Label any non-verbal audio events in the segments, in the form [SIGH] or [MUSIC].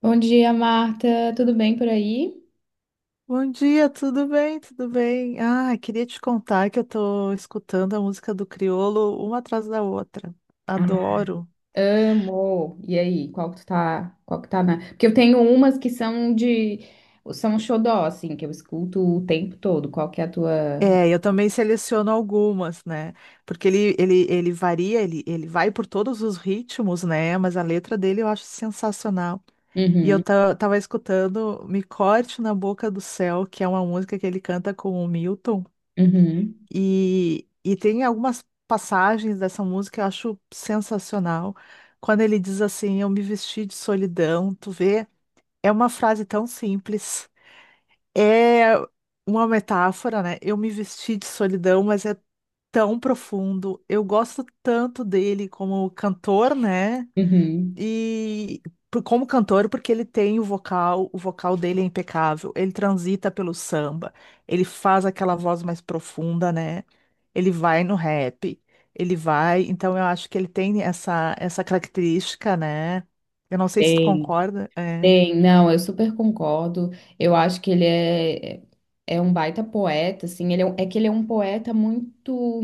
Bom dia, Marta. Tudo bem por aí? Bom dia, tudo bem? Tudo bem? Ah, queria te contar que eu tô escutando a música do Criolo uma atrás da outra. Ah, Adoro. amo. E aí, qual que tá na... Porque eu tenho umas são um xodó, assim, que eu escuto o tempo todo. Qual que é a tua... É, eu também seleciono algumas, né? Porque ele varia, ele vai por todos os ritmos, né? Mas a letra dele eu acho sensacional. E eu Uhum, tava escutando Me Corte na Boca do Céu, que é uma música que ele canta com o Milton. uhum, E tem algumas passagens dessa música que eu acho sensacional. Quando ele diz assim, eu me vesti de solidão, tu vê, é uma frase tão simples. É uma metáfora, né? Eu me vesti de solidão, mas é tão profundo. Eu gosto tanto dele como cantor, né? uhum. E como cantor, porque ele tem o vocal dele é impecável, ele transita pelo samba, ele faz aquela voz mais profunda, né? Ele vai no rap, ele vai, então eu acho que ele tem essa característica, né? Eu não sei se tu Tem, concorda, é. tem. Não, eu super concordo. Eu acho que ele é um baita poeta, assim. É que ele é um poeta muito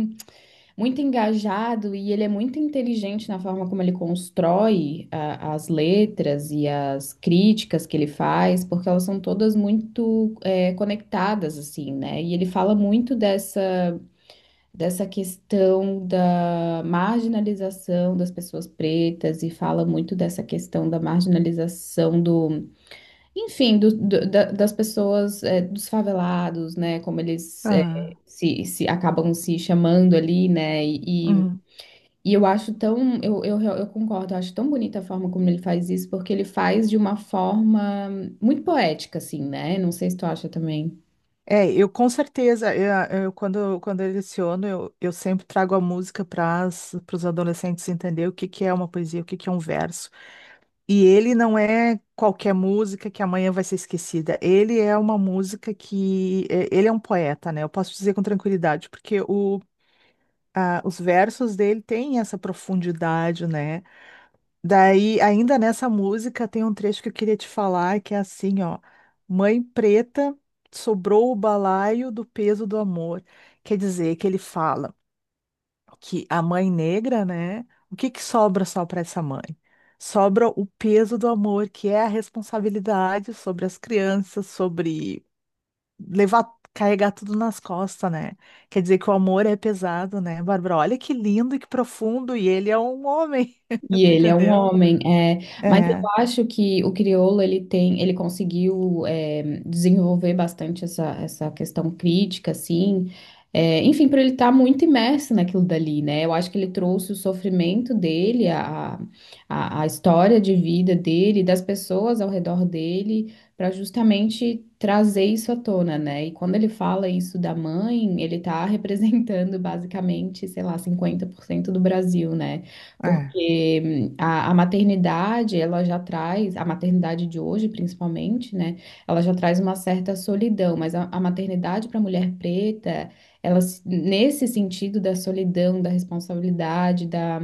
muito engajado e ele é muito inteligente na forma como ele constrói as letras e as críticas que ele faz, porque elas são todas muito conectadas, assim, né? E ele fala muito dessa questão da marginalização das pessoas pretas e fala muito dessa questão da marginalização enfim, das pessoas, dos favelados, né? Como eles Ah, se acabam se chamando ali, né? Hum. E eu acho tão, eu concordo, eu acho tão bonita a forma como ele faz isso, porque ele faz de uma forma muito poética, assim, né? Não sei se tu acha também. É, eu com certeza, quando, quando eu leciono, eu sempre trago a música para os adolescentes entender o que que é uma poesia, o que que é um verso. E ele não é qualquer música que amanhã vai ser esquecida. Ele é uma música que. Ele é um poeta, né? Eu posso dizer com tranquilidade, porque os versos dele têm essa profundidade, né? Daí, ainda nessa música, tem um trecho que eu queria te falar, que é assim, ó. Mãe preta, sobrou o balaio do peso do amor. Quer dizer, que ele fala que a mãe negra, né? O que que sobra só para essa mãe? Sobra o peso do amor, que é a responsabilidade sobre as crianças, sobre levar, carregar tudo nas costas, né? Quer dizer que o amor é pesado, né, Bárbara? Olha que lindo e que profundo, e ele é um homem, E [LAUGHS] tu ele é um entendeu? homem, é, mas É, eu acho que o crioulo ele tem, ele conseguiu desenvolver bastante essa questão crítica, assim, enfim, para ele estar muito imerso naquilo dali, né? Eu acho que ele trouxe o sofrimento dele, a história de vida dele, das pessoas ao redor dele, para justamente trazer isso à tona, né? E quando ele fala isso da mãe, ele tá [LAUGHS] representando basicamente, sei lá, 50% do Brasil, né? é, Porque a maternidade, ela já traz, a maternidade de hoje, principalmente, né? Ela já traz uma certa solidão, mas a maternidade para a mulher preta, ela, se- nesse sentido da solidão, da responsabilidade, da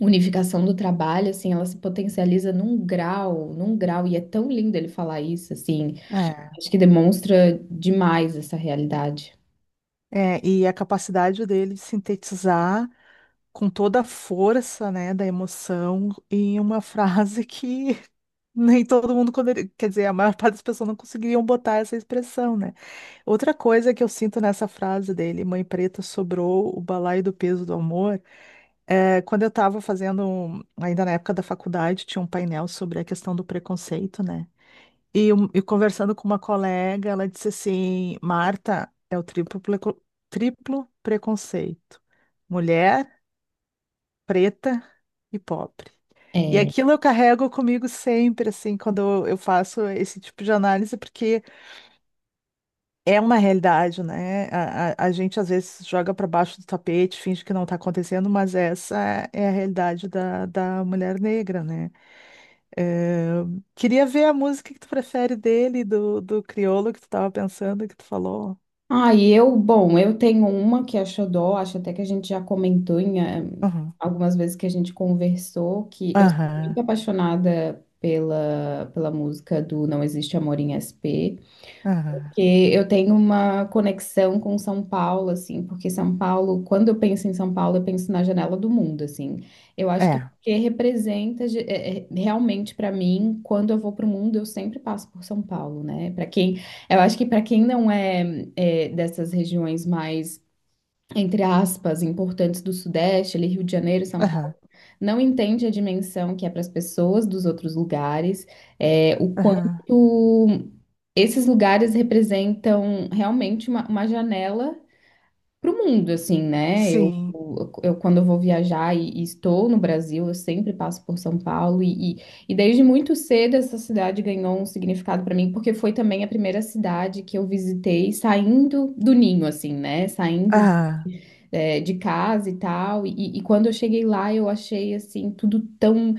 unificação do trabalho, assim, ela se potencializa num grau, e é tão lindo ele falar isso, assim, é, acho que demonstra demais essa realidade. é. E a capacidade dele de sintetizar com toda a força, né, da emoção em uma [LAUGHS] frase que nem todo mundo, quer dizer, a maior [LAUGHS] parte das pessoas não conseguiriam botar essa expressão, né? Outra coisa que eu sinto nessa frase dele, Mãe Preta sobrou o balaio do peso do amor, é, quando eu estava ainda na época da faculdade, tinha um painel sobre a questão do preconceito, né? E conversando com uma colega, ela disse assim: Marta, é o triplo, triplo preconceito. Mulher preta e pobre. E É. aquilo eu carrego comigo sempre, assim, quando eu faço esse tipo de análise, porque é uma realidade, né? A gente às vezes joga para baixo do tapete, finge que não está acontecendo, mas essa é a realidade da mulher negra, né? Eh, queria ver a música que tu prefere dele, do Criolo que tu estava pensando, que tu falou. Ah, e eu, bom, eu tenho uma que é xodó, acho até que a gente já comentou em Aham, algumas vezes que a gente conversou, que eu sou muito aham, apaixonada pela música do Não Existe Amor em SP. aham, Porque eu tenho uma conexão com São Paulo, assim, porque São Paulo, quando eu penso em São Paulo, eu penso na janela do mundo, assim. Eu acho que é é, porque representa realmente para mim, quando eu vou para o mundo, eu sempre passo por São Paulo, né? Para quem, eu acho que para quem não é dessas regiões mais entre aspas, importantes do Sudeste, ali Rio de Janeiro, São aham, Paulo, não entende a dimensão que é para as pessoas dos outros lugares, é, o aham, quanto esses lugares representam realmente uma janela para o mundo, assim, né? Sim, Quando eu vou viajar e estou no Brasil, eu sempre passo por São Paulo e desde muito cedo essa cidade ganhou um significado para mim, porque foi também a primeira cidade que eu visitei saindo do ninho, assim, né? Saindo aham, é, de casa e tal. E quando eu cheguei lá, eu achei assim, tudo tão.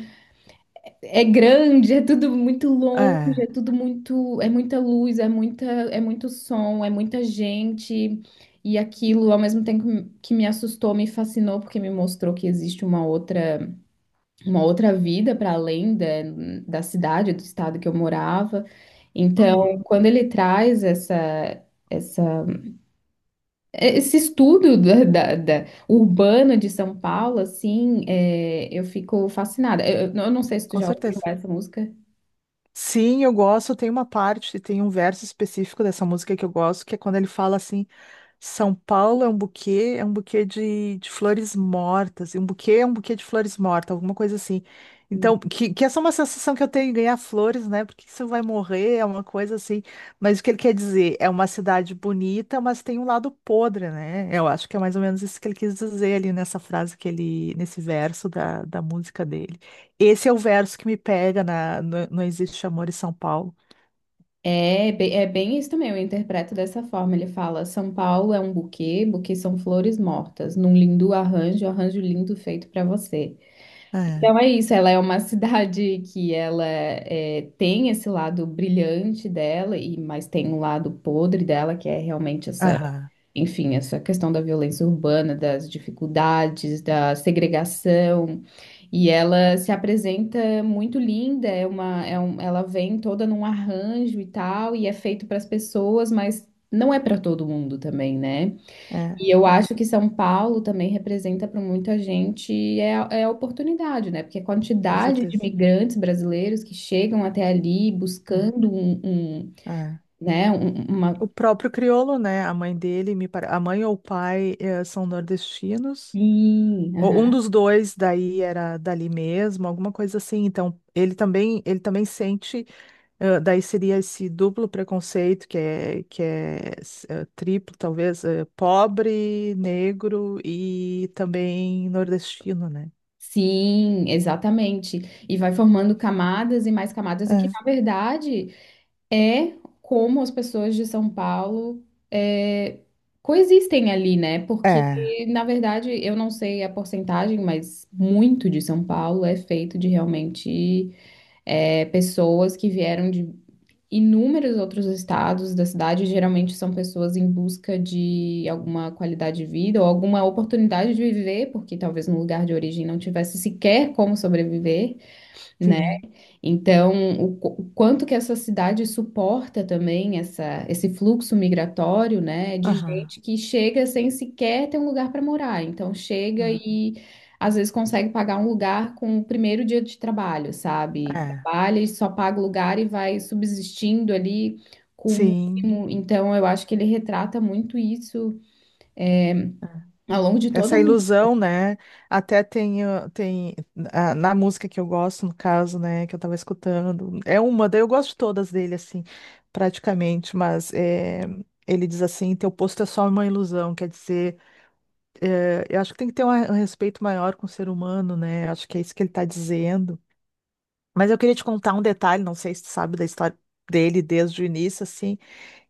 É grande, é tudo muito longe, é. é tudo muito. É muita luz, é muita, é muito som, é muita gente. E aquilo, ao mesmo tempo que me assustou, me fascinou, porque me mostrou que existe uma outra vida para além da cidade, do estado que eu morava. Então, Uhum. quando ele traz essa esse estudo da, da- da- urbano de São Paulo, assim, é, eu fico fascinada. Eu não sei se tu Com já ouviu certeza. essa música. Sim, eu gosto. Tem uma parte, tem um verso específico dessa música que eu gosto, que é quando ele fala assim. São Paulo é um buquê de flores mortas. E um buquê é um buquê de flores mortas, alguma coisa assim. Então, que essa é uma sensação que eu tenho, em ganhar flores, né? Porque isso vai morrer, é uma coisa assim. Mas o que ele quer dizer? É uma cidade bonita, mas tem um lado podre, né? Eu acho que é mais ou menos isso que ele quis dizer ali nessa frase que ele, nesse verso da música dele. Esse é o verso que me pega na Não Existe Amor em São Paulo. É, é bem isso também, eu interpreto dessa forma. Ele fala: São Paulo é um buquê, buquê são flores mortas, num lindo arranjo, arranjo lindo feito para você. É, Então é isso, ela é uma [LAUGHS] cidade que ela é, tem esse lado brilhante dela, e mas tem um lado podre dela, que é realmente essa. aham, Enfim, essa questão da violência urbana, das dificuldades, da segregação, e ela se apresenta muito linda, é uma, é um, ela vem toda num arranjo e tal, e é feito para as pessoas, mas não é para todo mundo também, né? é, E eu acho que São Paulo também representa para muita gente é, é a oportunidade, né? Porque a com quantidade de certeza. imigrantes brasileiros que chegam até ali É, buscando um, um, é. né, O uma. próprio crioulo, né? A mãe dele, a mãe ou o pai são nordestinos. Sim, Ou um aham. dos dois daí era dali mesmo, alguma coisa assim. Então, ele também sente, daí seria esse duplo preconceito que é triplo, talvez, pobre, negro e também nordestino, né? Sim, exatamente. E vai formando camadas e mais camadas, e que, É, na verdade, é como as pessoas de São Paulo é, coexistem ali, né? Porque, é, na verdade, eu não sei a porcentagem, mas muito de São Paulo é feito de realmente é, pessoas que vieram de inúmeros outros estados da cidade, geralmente são pessoas em busca de alguma qualidade de vida ou alguma oportunidade de viver, porque talvez no lugar de origem não tivesse sequer como sobreviver, né? sim. Então, o quanto que essa cidade suporta também esse fluxo migratório, né, de Aham. gente que chega sem sequer ter um lugar para morar. Então, chega Aham. e às vezes consegue pagar um lugar com o primeiro dia de trabalho, sabe? É. Trabalha e só paga o lugar e vai subsistindo ali com o Sim. mínimo. Então, eu acho que ele retrata muito isso ao longo de todo Essa mundo. ilusão, né? Até tem, na música que eu gosto, no caso, né, que eu tava escutando, é uma, daí eu gosto de todas dele, assim, praticamente, mas é, ele diz assim, teu posto é só uma ilusão, quer dizer, é, eu acho que tem que ter um respeito maior com o ser humano, né? Acho que é isso que ele tá dizendo. Mas eu queria te contar um detalhe, não sei se tu sabe da história dele desde o início, assim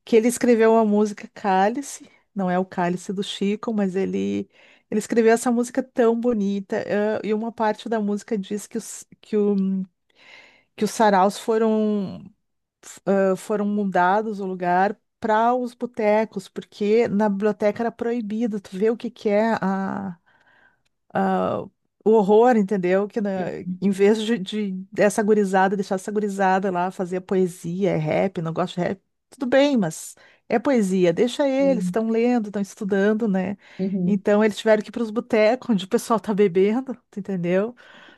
que ele escreveu a música Cálice, não é o Cálice do Chico, mas ele escreveu essa música tão bonita, e uma parte da música diz que os saraus foram mudados o lugar para os botecos, porque na biblioteca era proibido, tu vê o que que é ah, o horror, entendeu? Que né, em vez de dessa gurizada, deixar essa gurizada lá fazer poesia, é rap, não gosto de rap, tudo bem, mas é poesia, deixa eles, estão lendo, estão estudando, né? Uhum. Então eles tiveram que ir para os botecos onde o pessoal tá bebendo, tu entendeu?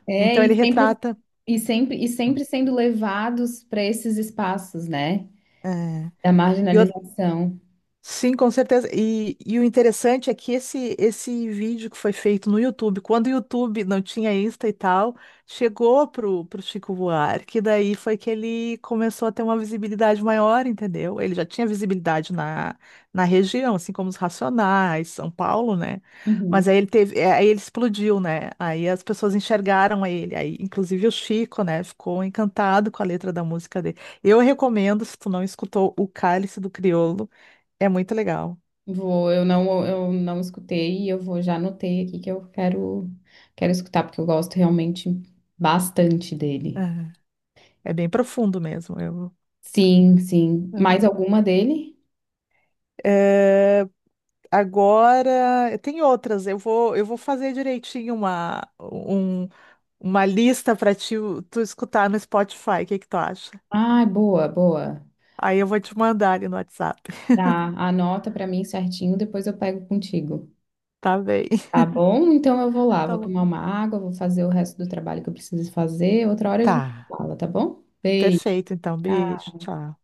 É, Então ele retrata. E sempre sendo levados para esses espaços, né? é, Da E marginalização. Sim, com certeza. E o interessante é que esse vídeo que foi feito no YouTube, quando o YouTube não tinha Insta e tal, chegou pro Chico Buarque, daí foi que ele começou a ter uma visibilidade maior, entendeu? Ele já tinha visibilidade na região, assim como os Racionais, São Paulo, né? Mas Uhum. aí ele aí ele explodiu, né? Aí as pessoas enxergaram ele. Aí, inclusive o Chico, né, ficou encantado com a letra da música dele. Eu recomendo, se tu não escutou, O Cálice do Crioulo. É muito legal. Vou, eu não escutei e eu vou já anotei aqui que eu quero, quero escutar, porque eu gosto realmente bastante dele. Aham. É bem profundo mesmo. Eu... Sim, sim. Ah, Mais alguma dele? é, agora, tem outras. Eu vou fazer direitinho uma lista para ti, tu escutar no Spotify. O que que tu acha? Ai, boa, boa. Aí eu vou te mandar ali no WhatsApp. Tá, anota pra mim certinho, depois eu pego contigo. Tá bem. Tá [LAUGHS] bom? Então eu vou lá, Tá vou bom. tomar uma água, vou fazer o resto do trabalho que eu preciso fazer. Outra hora a gente Tá. fala, tá bom? Perfeito, então. Beijo. Tchau.